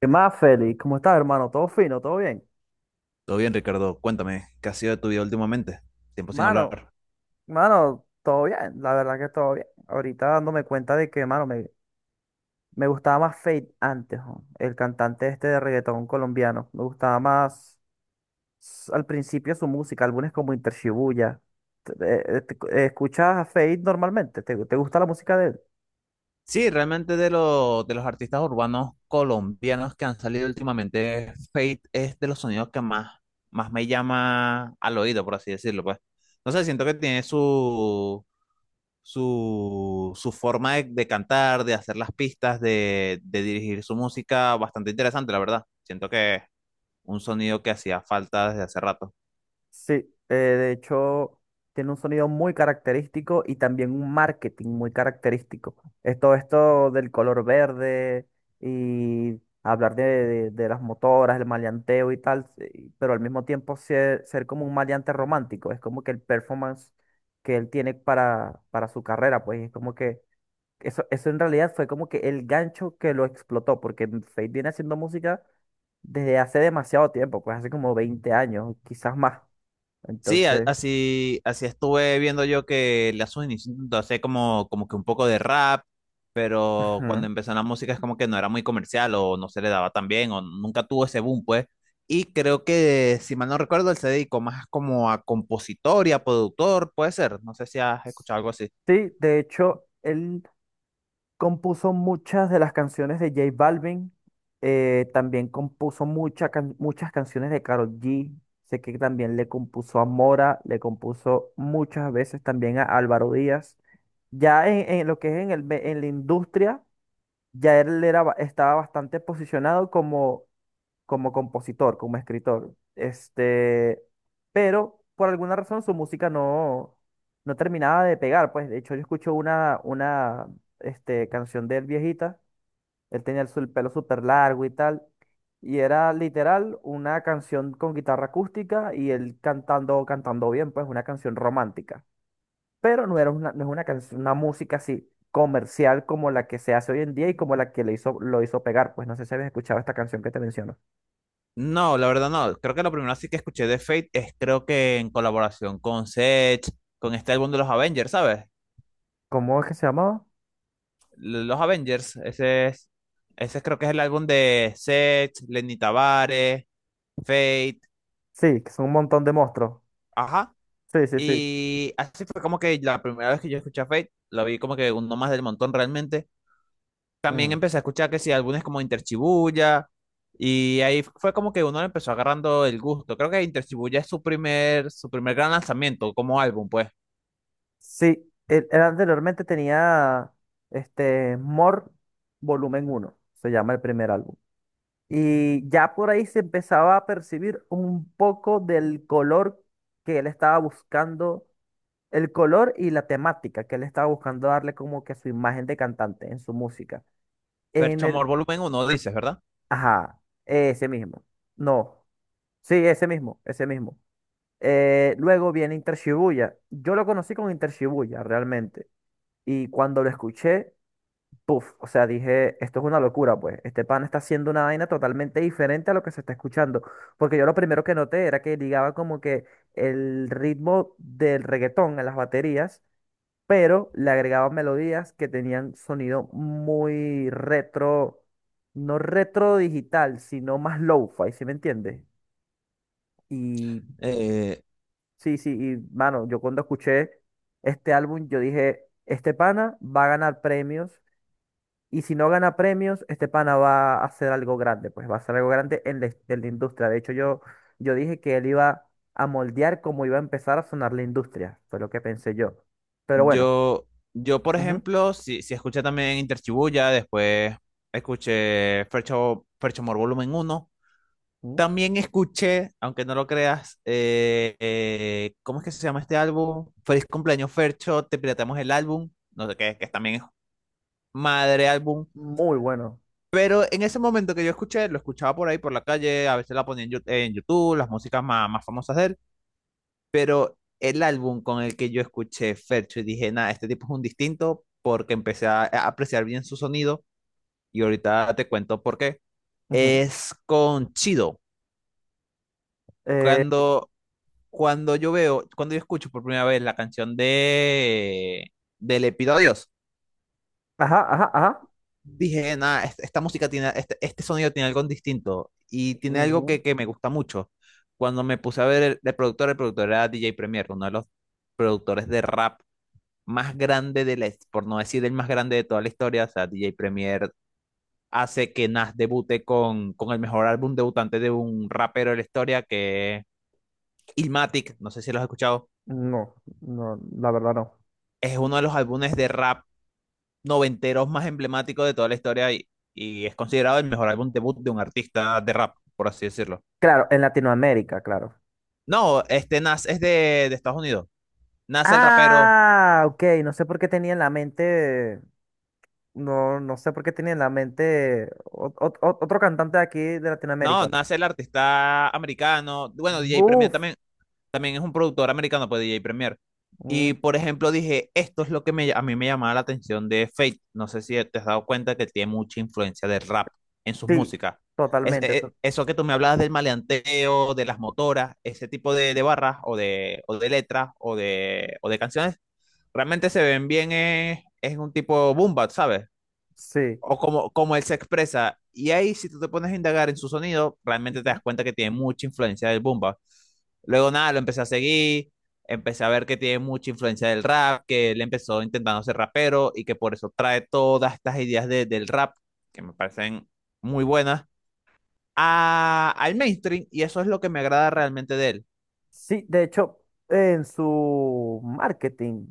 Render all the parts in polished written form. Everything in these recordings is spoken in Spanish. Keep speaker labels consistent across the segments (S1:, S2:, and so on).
S1: ¿Qué más, Félix? ¿Cómo estás, hermano? ¿Todo fino? ¿Todo bien?
S2: Todo bien, Ricardo. Cuéntame, ¿qué ha sido de tu vida últimamente? Tiempo sin
S1: Mano,
S2: hablar.
S1: mano, todo bien. La verdad que todo bien. Ahorita dándome cuenta de que, mano, me gustaba más Fate antes, jo, el cantante este de reggaetón colombiano. Me gustaba más al principio su música, álbumes como Inter Shibuya. ¿Escuchas a Fate normalmente? Te gusta la música de él?
S2: Sí, realmente de los artistas urbanos colombianos que han salido últimamente, Fate es de los sonidos que más me llama al oído, por así decirlo, pues. No sé, siento que tiene su forma de cantar, de hacer las pistas, de dirigir su música bastante interesante, la verdad. Siento que un sonido que hacía falta desde hace rato.
S1: Sí, de hecho tiene un sonido muy característico y también un marketing muy característico. Es todo esto del color verde y hablar de las motoras, el maleanteo y tal, sí, pero al mismo tiempo ser como un maleante romántico. Es como que el performance que él tiene para su carrera, pues es como que eso en realidad fue como que el gancho que lo explotó, porque Fate viene haciendo música desde hace demasiado tiempo, pues hace como 20 años, quizás más. Entonces,
S2: Así, así estuve viendo yo que la Sony intentó hacer como que un poco de rap, pero cuando
S1: ujú.
S2: empezó la música es como que no era muy comercial o no se le daba tan bien o nunca tuvo ese boom, pues. Y creo que, si mal no recuerdo, él se dedicó más como a compositor y a productor, puede ser. No sé si has escuchado algo así.
S1: Sí, de hecho, él compuso muchas de las canciones de J Balvin. También compuso muchas canciones de Karol G. Sé que también le compuso a Mora, le compuso muchas veces también a Álvaro Díaz. Ya en lo que es en la industria, ya él era, estaba bastante posicionado como como compositor, como escritor. Pero por alguna razón su música no, no terminaba de pegar. Pues de hecho yo escucho una canción de él viejita. Él tenía el pelo súper largo y tal. Y era literal una canción con guitarra acústica y él cantando, cantando bien, pues una canción romántica. Pero no era una, no es una canción, una música así comercial como la que se hace hoy en día y como la que le hizo, lo hizo pegar. Pues no sé si habéis escuchado esta canción que te menciono.
S2: No, la verdad no. Creo que lo primero así que escuché de Fate es creo que en colaboración con Sech, con este álbum de los Avengers, ¿sabes?
S1: ¿Cómo es que se llamaba?
S2: Los Avengers, ese es, ese creo que es el álbum de Seth, Lenny Tavares, Fate,
S1: Sí, que son un montón de monstruos.
S2: ajá.
S1: Sí, sí, sí.
S2: Y así fue como que la primera vez que yo escuché a Fate, lo vi como que uno más del montón realmente. También
S1: Mm.
S2: empecé a escuchar que sí, álbumes como Interchibuya, y ahí fue como que uno le empezó agarrando el gusto. Creo que Interchibuya es su su primer gran lanzamiento como álbum, pues.
S1: Sí, él anteriormente tenía este More Volumen uno. Se llama el primer álbum. Y ya por ahí se empezaba a percibir un poco del color que él estaba buscando, el color y la temática que él estaba buscando darle como que su imagen de cantante en su música. En
S2: Fercho
S1: el,
S2: Amor Volumen uno, dices, ¿verdad?
S1: ajá, ese mismo. No, sí, ese mismo, ese mismo. Luego viene Inter Shibuya. Yo lo conocí con Inter Shibuya realmente. Y cuando lo escuché, puff, o sea, dije, esto es una locura, pues. Este pan está haciendo una vaina totalmente diferente a lo que se está escuchando. Porque yo lo primero que noté era que ligaba como que el ritmo del reggaetón en las baterías, pero le agregaba melodías que tenían sonido muy retro, no retro digital, sino más lo fi, ¿sí me entiendes? Y
S2: Eh,
S1: sí, sí, y mano, yo cuando escuché este álbum, yo dije, este pana va a ganar premios, y si no gana premios, este pana va a hacer algo grande, pues va a hacer algo grande en en la industria. De hecho, yo dije que él iba a moldear cómo iba a empezar a sonar la industria, fue lo que pensé yo. Pero bueno,
S2: Yo, yo por
S1: ujú,
S2: ejemplo, si escuché también Interchibuya, después escuché Fercho, Ferchomor Volumen uno.
S1: ujú,
S2: También escuché, aunque no lo creas, ¿cómo es que se llama este álbum? Feliz cumpleaños, Fercho, te pirateamos el álbum. No sé qué, que también es madre álbum.
S1: muy bueno.
S2: Pero en ese momento que yo escuché, lo escuchaba por ahí, por la calle, a veces la ponía en, en YouTube, las músicas más famosas de él. Pero el álbum con el que yo escuché Fercho y dije, nada, este tipo es un distinto porque empecé a apreciar bien su sonido y ahorita te cuento por qué.
S1: Ujú.
S2: Es con Chido.
S1: Eh,
S2: Cuando, cuando yo veo, cuando yo escucho por primera vez la canción de Le pido a Dios,
S1: ajá, ajá, ajá.
S2: dije, nada, esta, música tiene, este sonido tiene algo distinto y tiene algo
S1: Ujú.
S2: que me gusta mucho. Cuando me puse a ver el productor era DJ Premier, uno de los productores de rap más grande de la, por no decir el más grande de toda la historia, o sea, DJ Premier hace que Nas debute con el mejor álbum debutante de un rapero de la historia, que es Illmatic, no sé si lo has escuchado,
S1: No, no, la verdad no.
S2: es uno de los álbumes de rap noventeros más emblemáticos de toda la historia y es considerado el mejor álbum debut de un artista de rap, por así decirlo.
S1: Claro, en Latinoamérica, claro.
S2: No, este Nas es de Estados Unidos, Nas el rapero,
S1: Ah, ok, no sé por qué tenía en la mente, no, no sé por qué tenía en la mente otro cantante de aquí de
S2: no,
S1: Latinoamérica.
S2: Nas el artista americano, bueno, DJ Premier
S1: Buf,
S2: también, también es un productor americano, pues D J Premier.
S1: mm,
S2: Y por ejemplo dije, esto es lo que me, a mí me llamaba la atención de Fate. No sé si te has dado cuenta que tiene mucha influencia del rap en sus
S1: sí,
S2: músicas. Es,
S1: totalmente, to-
S2: eso que tú me hablabas del maleanteo, de las motoras, ese tipo de barras o de letras o de canciones, realmente se ven bien, es un tipo boom bap, ¿sabes?
S1: sí.
S2: O como, como él se expresa. Y ahí, si tú te pones a indagar en su sonido, realmente te das cuenta que tiene mucha influencia del Bumba. Luego, nada, lo empecé a seguir, empecé a ver que tiene mucha influencia del rap, que él empezó intentando ser rapero y que por eso trae todas estas ideas del rap, que me parecen muy buenas, al mainstream. Y eso es lo que me agrada realmente de él.
S1: Sí, de hecho, en su marketing,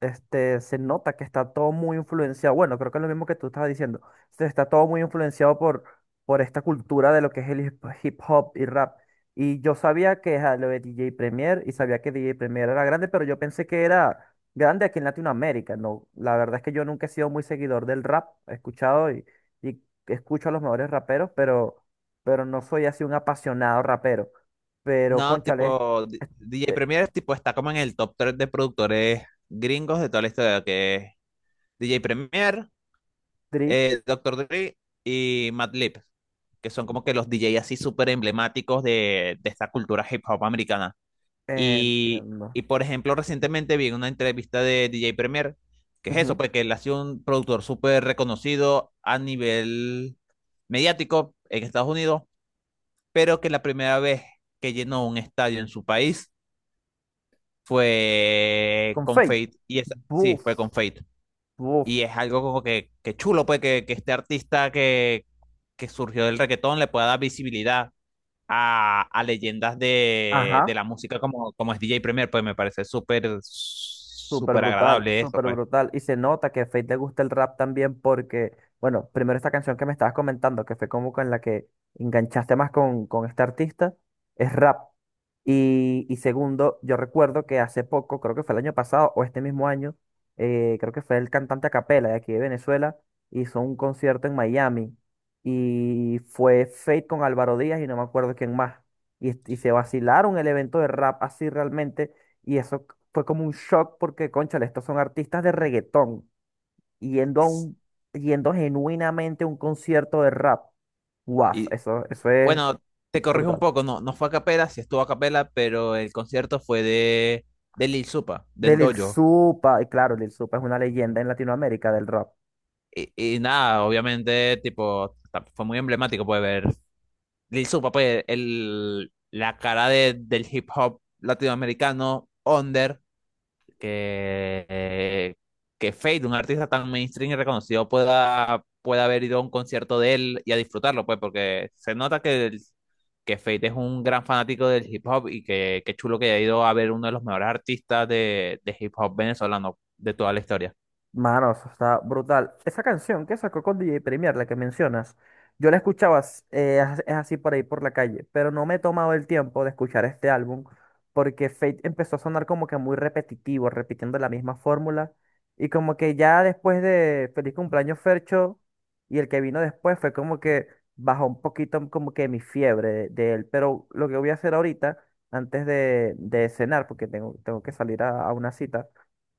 S1: este, se nota que está todo muy influenciado. Bueno, creo que es lo mismo que tú estabas diciendo. Se está todo muy influenciado por esta cultura de lo que es el hip hop y rap. Y yo sabía que era lo de DJ Premier y sabía que DJ Premier era grande, pero yo pensé que era grande aquí en Latinoamérica. No, la verdad es que yo nunca he sido muy seguidor del rap. He escuchado y escucho a los mejores raperos, pero no soy así un apasionado rapero. Pero,
S2: No,
S1: cónchale,
S2: tipo, DJ
S1: eh,
S2: Premier, tipo, está como en el top 3 de productores gringos de toda la historia, que es DJ Premier.
S1: Tri,
S2: Eh, Dr. Dre y Madlib, que son como que los DJ así súper emblemáticos de esta cultura hip hop americana. Y,
S1: entiendo.
S2: y por ejemplo, recientemente vi una entrevista de DJ Premier, que es eso,
S1: Ujú.
S2: pues que él ha sido un productor súper reconocido a nivel mediático en Estados Unidos, pero que la primera vez que llenó un estadio en su país fue
S1: Con
S2: con
S1: Fate.
S2: Fate, y esa, sí,
S1: Buf,
S2: fue con Fate.
S1: buf.
S2: Y es algo como que chulo, pues, que este artista que surgió del reggaetón le pueda dar visibilidad a leyendas de
S1: Ajá.
S2: la música como, como es DJ Premier, pues me parece súper,
S1: Súper
S2: súper
S1: brutal,
S2: agradable esto,
S1: súper
S2: pues.
S1: brutal. Y se nota que a Fate le gusta el rap también porque, bueno, primero esta canción que me estabas comentando, que fue como con la que enganchaste más con este artista, es rap. Y segundo, yo recuerdo que hace poco, creo que fue el año pasado o este mismo año, creo que fue el cantante a capela de aquí de Venezuela, hizo un concierto en Miami y fue Fate con Álvaro Díaz y no me acuerdo quién más. Y se vacilaron el evento de rap así realmente. Y eso fue como un shock porque, cónchale, estos son artistas de reggaetón yendo a un, yendo genuinamente a un concierto de rap. Guau,
S2: Y
S1: eso es
S2: bueno, te corrijo un
S1: brutal.
S2: poco, no, no fue a capela, sí estuvo a capela, pero el concierto fue de Lil Supa,
S1: De
S2: del
S1: Lil
S2: Dojo.
S1: Supa, y claro, Lil Supa es una leyenda en Latinoamérica del rap.
S2: Y nada, obviamente, tipo, fue muy emblemático, puede ver Lil Supa, pues, el, la cara de, del hip hop latinoamericano, Under, que, eh, que Fade, un artista tan mainstream y reconocido, pueda haber ido a un concierto de él y a disfrutarlo, pues, porque se nota que Fade es un gran fanático del hip hop y que, qué chulo que haya ido a ver uno de los mejores artistas de hip hop venezolano de toda la historia.
S1: Mano, eso está brutal. Esa canción que sacó con DJ Premier, la que mencionas, yo la escuchaba, s- as- es así por ahí por la calle, pero no me he tomado el tiempo de escuchar este álbum porque Fate empezó a sonar como que muy repetitivo, repitiendo la misma fórmula. Y como que ya después de Feliz Cumpleaños Fercho y el que vino después fue como que bajó un poquito como que mi fiebre de él. Pero lo que voy a hacer ahorita, antes de cenar, porque tengo que salir a una cita.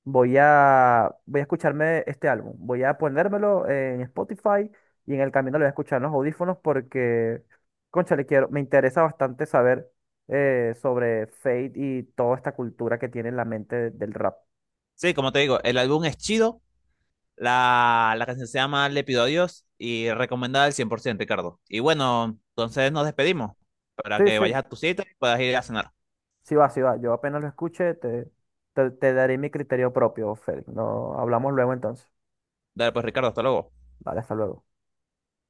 S1: Voy a escucharme este álbum. Voy a ponérmelo en Spotify y en el camino lo voy a escuchar en los audífonos porque, cónchale, quiero, me interesa bastante saber sobre Fate y toda esta cultura que tiene en la mente del rap.
S2: Sí, como te digo, el álbum es chido. La canción se llama Le pido a Dios y recomendada al 100% Ricardo. Y bueno, entonces nos despedimos para
S1: Sí,
S2: que
S1: sí,
S2: vayas a tu cita y puedas ir a cenar.
S1: sí va, sí va. Yo apenas lo escuche, te daré mi criterio propio, Félix. No, hablamos luego entonces.
S2: Dale, pues, Ricardo, hasta luego.
S1: Vale, hasta luego.